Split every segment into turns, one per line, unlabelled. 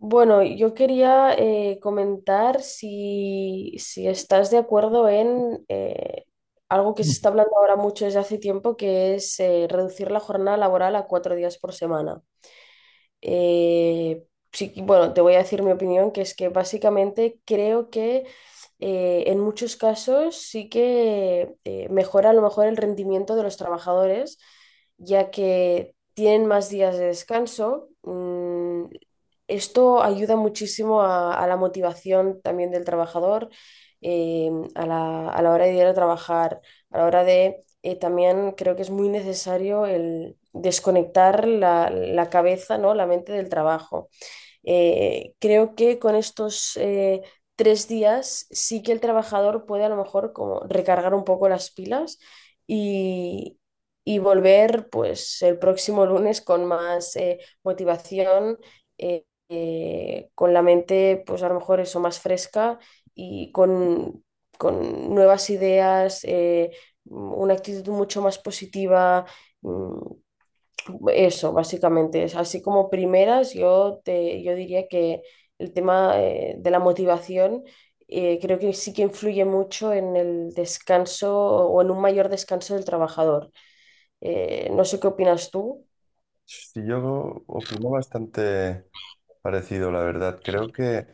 Bueno, yo quería comentar si estás de acuerdo en algo que se está hablando ahora mucho desde hace tiempo, que es reducir la jornada laboral a 4 días por semana. eh, sí, bueno, te voy a decir mi opinión, que es que básicamente creo que en muchos casos sí que mejora a lo mejor el rendimiento de los trabajadores, ya que tienen más días de descanso. Esto ayuda muchísimo a la motivación también del trabajador, a la hora de ir a trabajar, a la hora de también creo que es muy necesario el desconectar la cabeza, ¿no? La mente del trabajo. Creo que con estos 3 días sí que el trabajador puede a lo mejor como recargar un poco las pilas y, y volver pues el próximo lunes con más motivación, con la mente pues a lo mejor eso más fresca y con, con nuevas ideas, una actitud mucho más positiva. mm, Eso, básicamente. Es así como primeras, yo diría que el tema de la motivación creo que sí que influye mucho en el descanso o en un mayor descanso del trabajador. No sé qué opinas tú.
Sí, yo opino bastante parecido, la verdad. Creo que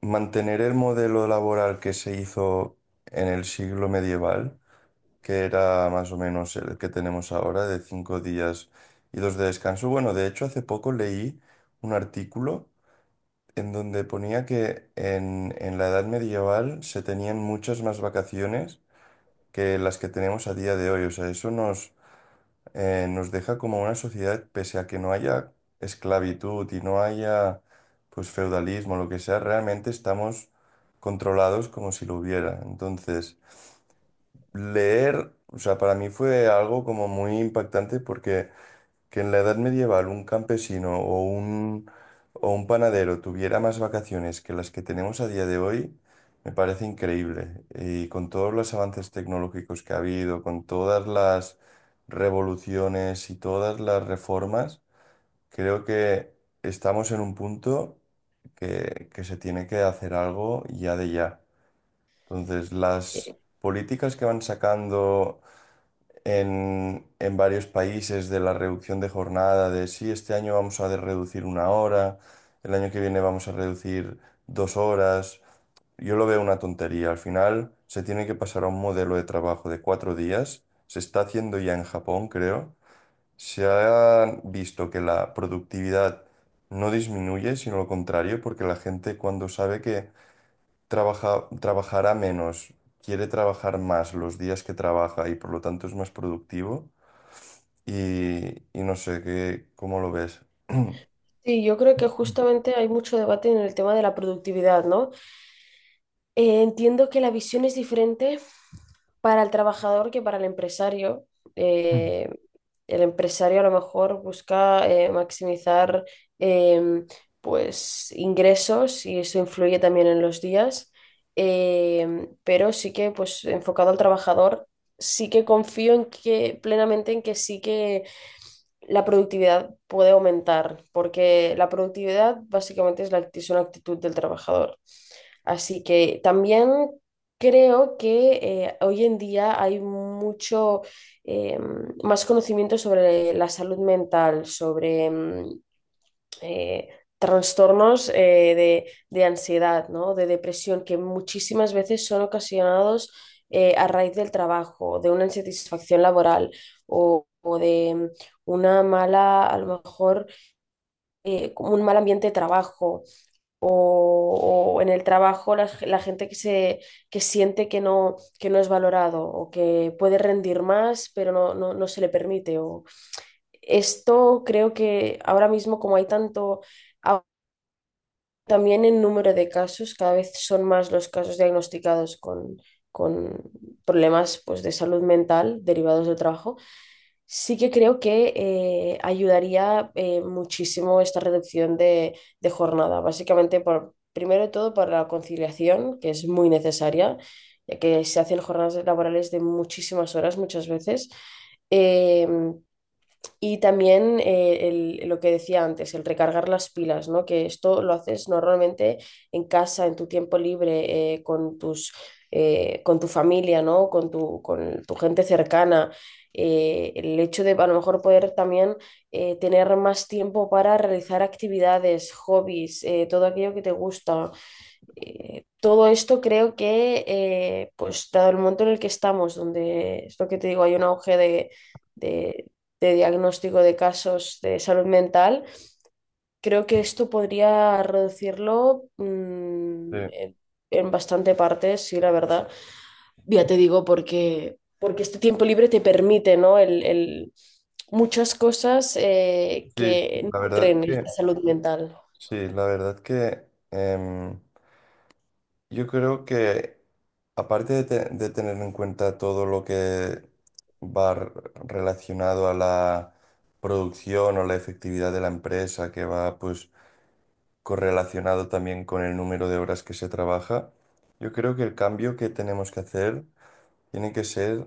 mantener el modelo laboral que se hizo en el siglo medieval, que era más o menos el que tenemos ahora, de 5 días y dos de descanso. Bueno, de hecho, hace poco leí un artículo en donde ponía que en la edad medieval se tenían muchas más vacaciones que las que tenemos a día de hoy. O sea, eso nos nos deja como una sociedad, pese a que no haya esclavitud y no haya pues feudalismo, lo que sea, realmente estamos controlados como si lo hubiera. Entonces, leer, o sea, para mí fue algo como muy impactante porque que en la edad medieval un campesino o un panadero tuviera más vacaciones que las que tenemos a día de hoy, me parece increíble. Y con todos los avances tecnológicos que ha habido, con todas las revoluciones y todas las reformas, creo que estamos en un punto que se tiene que hacer algo ya de ya. Entonces,
Eh,
las políticas que van sacando en varios países de la reducción de jornada, de sí, este año vamos a reducir 1 hora, el año que viene vamos a reducir 2 horas. Yo lo veo una tontería. Al final se tiene que pasar a un modelo de trabajo de 4 días. Se está haciendo ya en Japón, creo. Se ha visto que la productividad no disminuye, sino lo contrario, porque la gente cuando sabe que trabaja, trabajará menos, quiere trabajar más los días que trabaja y por lo tanto es más productivo y no sé, qué, ¿cómo lo ves?
Sí, yo creo que justamente hay mucho debate en el tema de la productividad, ¿no? Entiendo que la visión es diferente para el trabajador que para el empresario. Eh, el empresario a lo mejor busca maximizar em, pues ingresos y eso influye también en los días. Pero sí que pues enfocado al trabajador, sí que confío en que plenamente en que sí que la productividad puede aumentar, porque la productividad básicamente es, es una actitud del trabajador. Así que también creo que hoy en día hay mucho eh, más conocimiento sobre la salud mental, sobre eh, trastornos de ansiedad, ¿no? De depresión, que muchísimas veces son ocasionados a raíz del trabajo, de una insatisfacción laboral o de una mala, a lo mejor, como un mal ambiente de trabajo o en el trabajo gente que siente que no es valorado o que puede rendir más pero no se le permite. O esto creo que ahora mismo como hay tanto también en número de casos, cada vez son más los casos diagnosticados con problemas pues de salud mental derivados del trabajo. Sí que creo que ayudaría muchísimo esta reducción de jornada, básicamente por, primero de todo para la conciliación, que es muy necesaria, ya que se hacen jornadas laborales de muchísimas horas muchas veces. Eh, y también lo que decía antes, el recargar las pilas, ¿no? Que esto lo haces normalmente en casa, en tu tiempo libre, con tu familia, ¿no? Con tu gente cercana. El hecho de a lo mejor poder también tener más tiempo para realizar actividades, hobbies, todo aquello que te gusta, todo esto creo que, pues dado el momento en el que estamos, donde es lo que te digo, hay un auge de, de- de diagnóstico de casos de salud mental, creo que esto podría reducirlo,
Sí,
en bastante parte, sí, la verdad. Ya te digo, porque, porque este tiempo libre te permite, ¿no? Muchas cosas
sí, sí,
que
la verdad
nutren
que,
esta salud mental.
sí, la verdad que em, yo creo que aparte de, de tener en cuenta todo lo que va r- relacionado a la producción o la efectividad de la empresa, que va pues correlacionado también con el número de horas que se trabaja, yo creo que el cambio que tenemos que hacer tiene que ser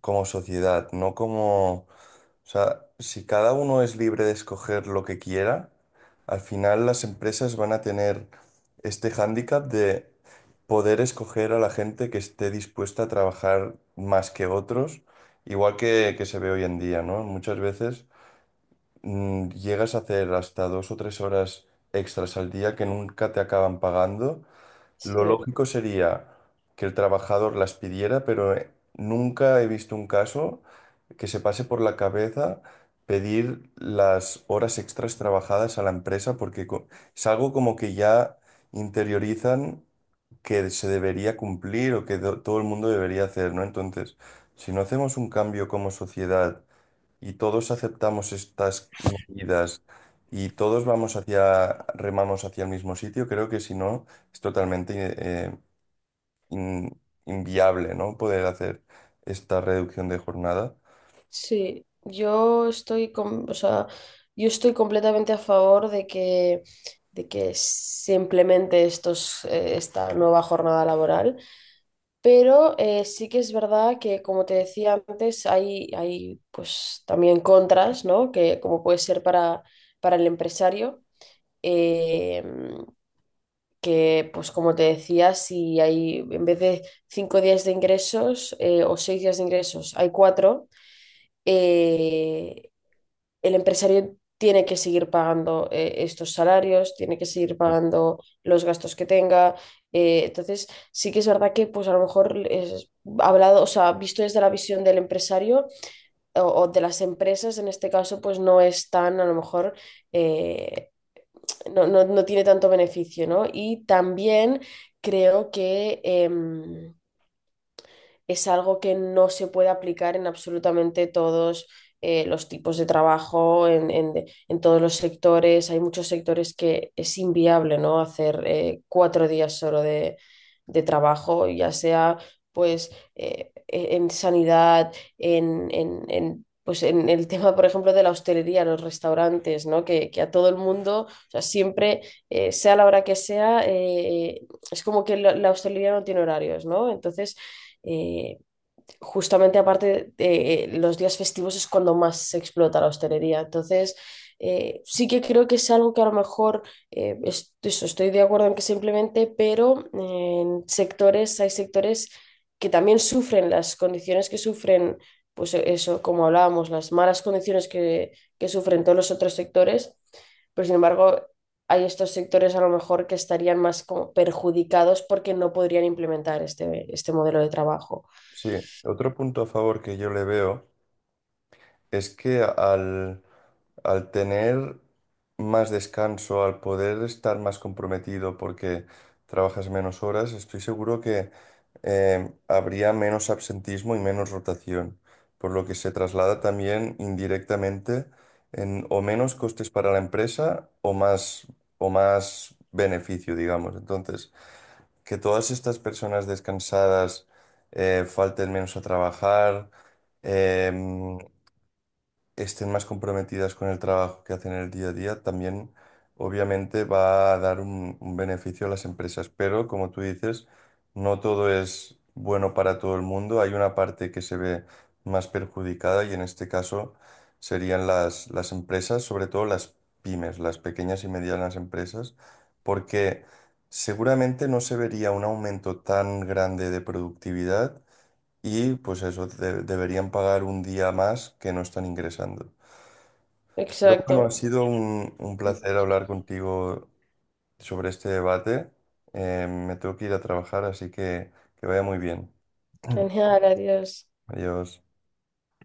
como sociedad, no como, o sea, si cada uno es libre de escoger lo que quiera, al final las empresas van a tener este hándicap de poder escoger a la gente que esté dispuesta a trabajar más que otros, igual que se ve hoy en día, ¿no? Muchas veces llegas a hacer hasta 2 o 3 horas extras al día que nunca te acaban pagando. Lo
Sí.
lógico sería que el trabajador las pidiera, pero nunca he visto un caso que se pase por la cabeza pedir las horas extras trabajadas a la empresa, porque es algo como que ya interiorizan que se debería cumplir o que todo el mundo debería hacer, ¿no? Entonces, si no hacemos un cambio como sociedad y todos aceptamos estas medidas y todos vamos hacia, remamos hacia el mismo sitio, creo que si no es totalmente in- inviable, ¿no? Poder hacer esta reducción de jornada.
Sí, o sea, yo estoy completamente a favor de que se implemente estos, esta nueva jornada laboral, pero sí que es verdad que, como te decía antes, hay pues también contras, ¿no? Que como puede ser para el empresario, eh, que pues como te decía, si hay en vez de 5 días de ingresos o 6 días de ingresos, hay cuatro. eh, el empresario tiene que seguir pagando estos salarios, tiene que seguir pagando los gastos que tenga. Entonces, sí que es verdad que pues a lo mejor es hablado, o sea, visto desde la visión del empresario o de las empresas, en este caso, pues no es tan, a lo mejor, eh, no tiene tanto beneficio, ¿no? Y también creo que es algo que no se puede aplicar en absolutamente todos los tipos de trabajo, en todos los sectores. Hay muchos sectores que es inviable, ¿no? Hacer 4 días solo de trabajo, ya sea pues en sanidad, en, pues en el tema, por ejemplo, de la hostelería, los restaurantes, ¿no? Que a todo el mundo, o sea, siempre, sea la hora que sea, es como que la hostelería no tiene horarios, ¿no? Entonces, eh, justamente aparte los días festivos es cuando más se explota la hostelería. Entonces, sí que creo que es algo que a lo mejor eso, estoy de acuerdo en que se implemente, pero en sectores, hay sectores que también sufren las condiciones que sufren, pues eso, como hablábamos, las malas condiciones que sufren todos los otros sectores, pero sin embargo, hay estos sectores a lo mejor que estarían más como perjudicados porque no podrían implementar este, este modelo de trabajo.
Sí, otro punto a favor que yo le veo. Es que al, al tener más descanso, al poder estar más comprometido porque trabajas menos horas, estoy seguro que habría menos absentismo y menos rotación, por lo que se traslada también indirectamente en o menos costes para la empresa o más beneficio, digamos. Entonces, que todas estas personas descansadas falten menos a trabajar. em, estén más comprometidas con el trabajo que hacen en el día a día, también obviamente va a dar un beneficio a las empresas. Pero como tú dices, no todo es bueno para todo el mundo. Hay una parte que se ve más perjudicada y en este caso serían las empresas, sobre todo las pymes, las pequeñas y medianas empresas, porque seguramente no se vería un aumento tan grande de productividad. Y pues eso, deberían pagar un día más que no están ingresando. Pero bueno, ha
Exacto.
sido un placer hablar contigo sobre este debate. Me tengo que ir a trabajar, así que vaya muy bien.
Genial, adiós.
Adiós.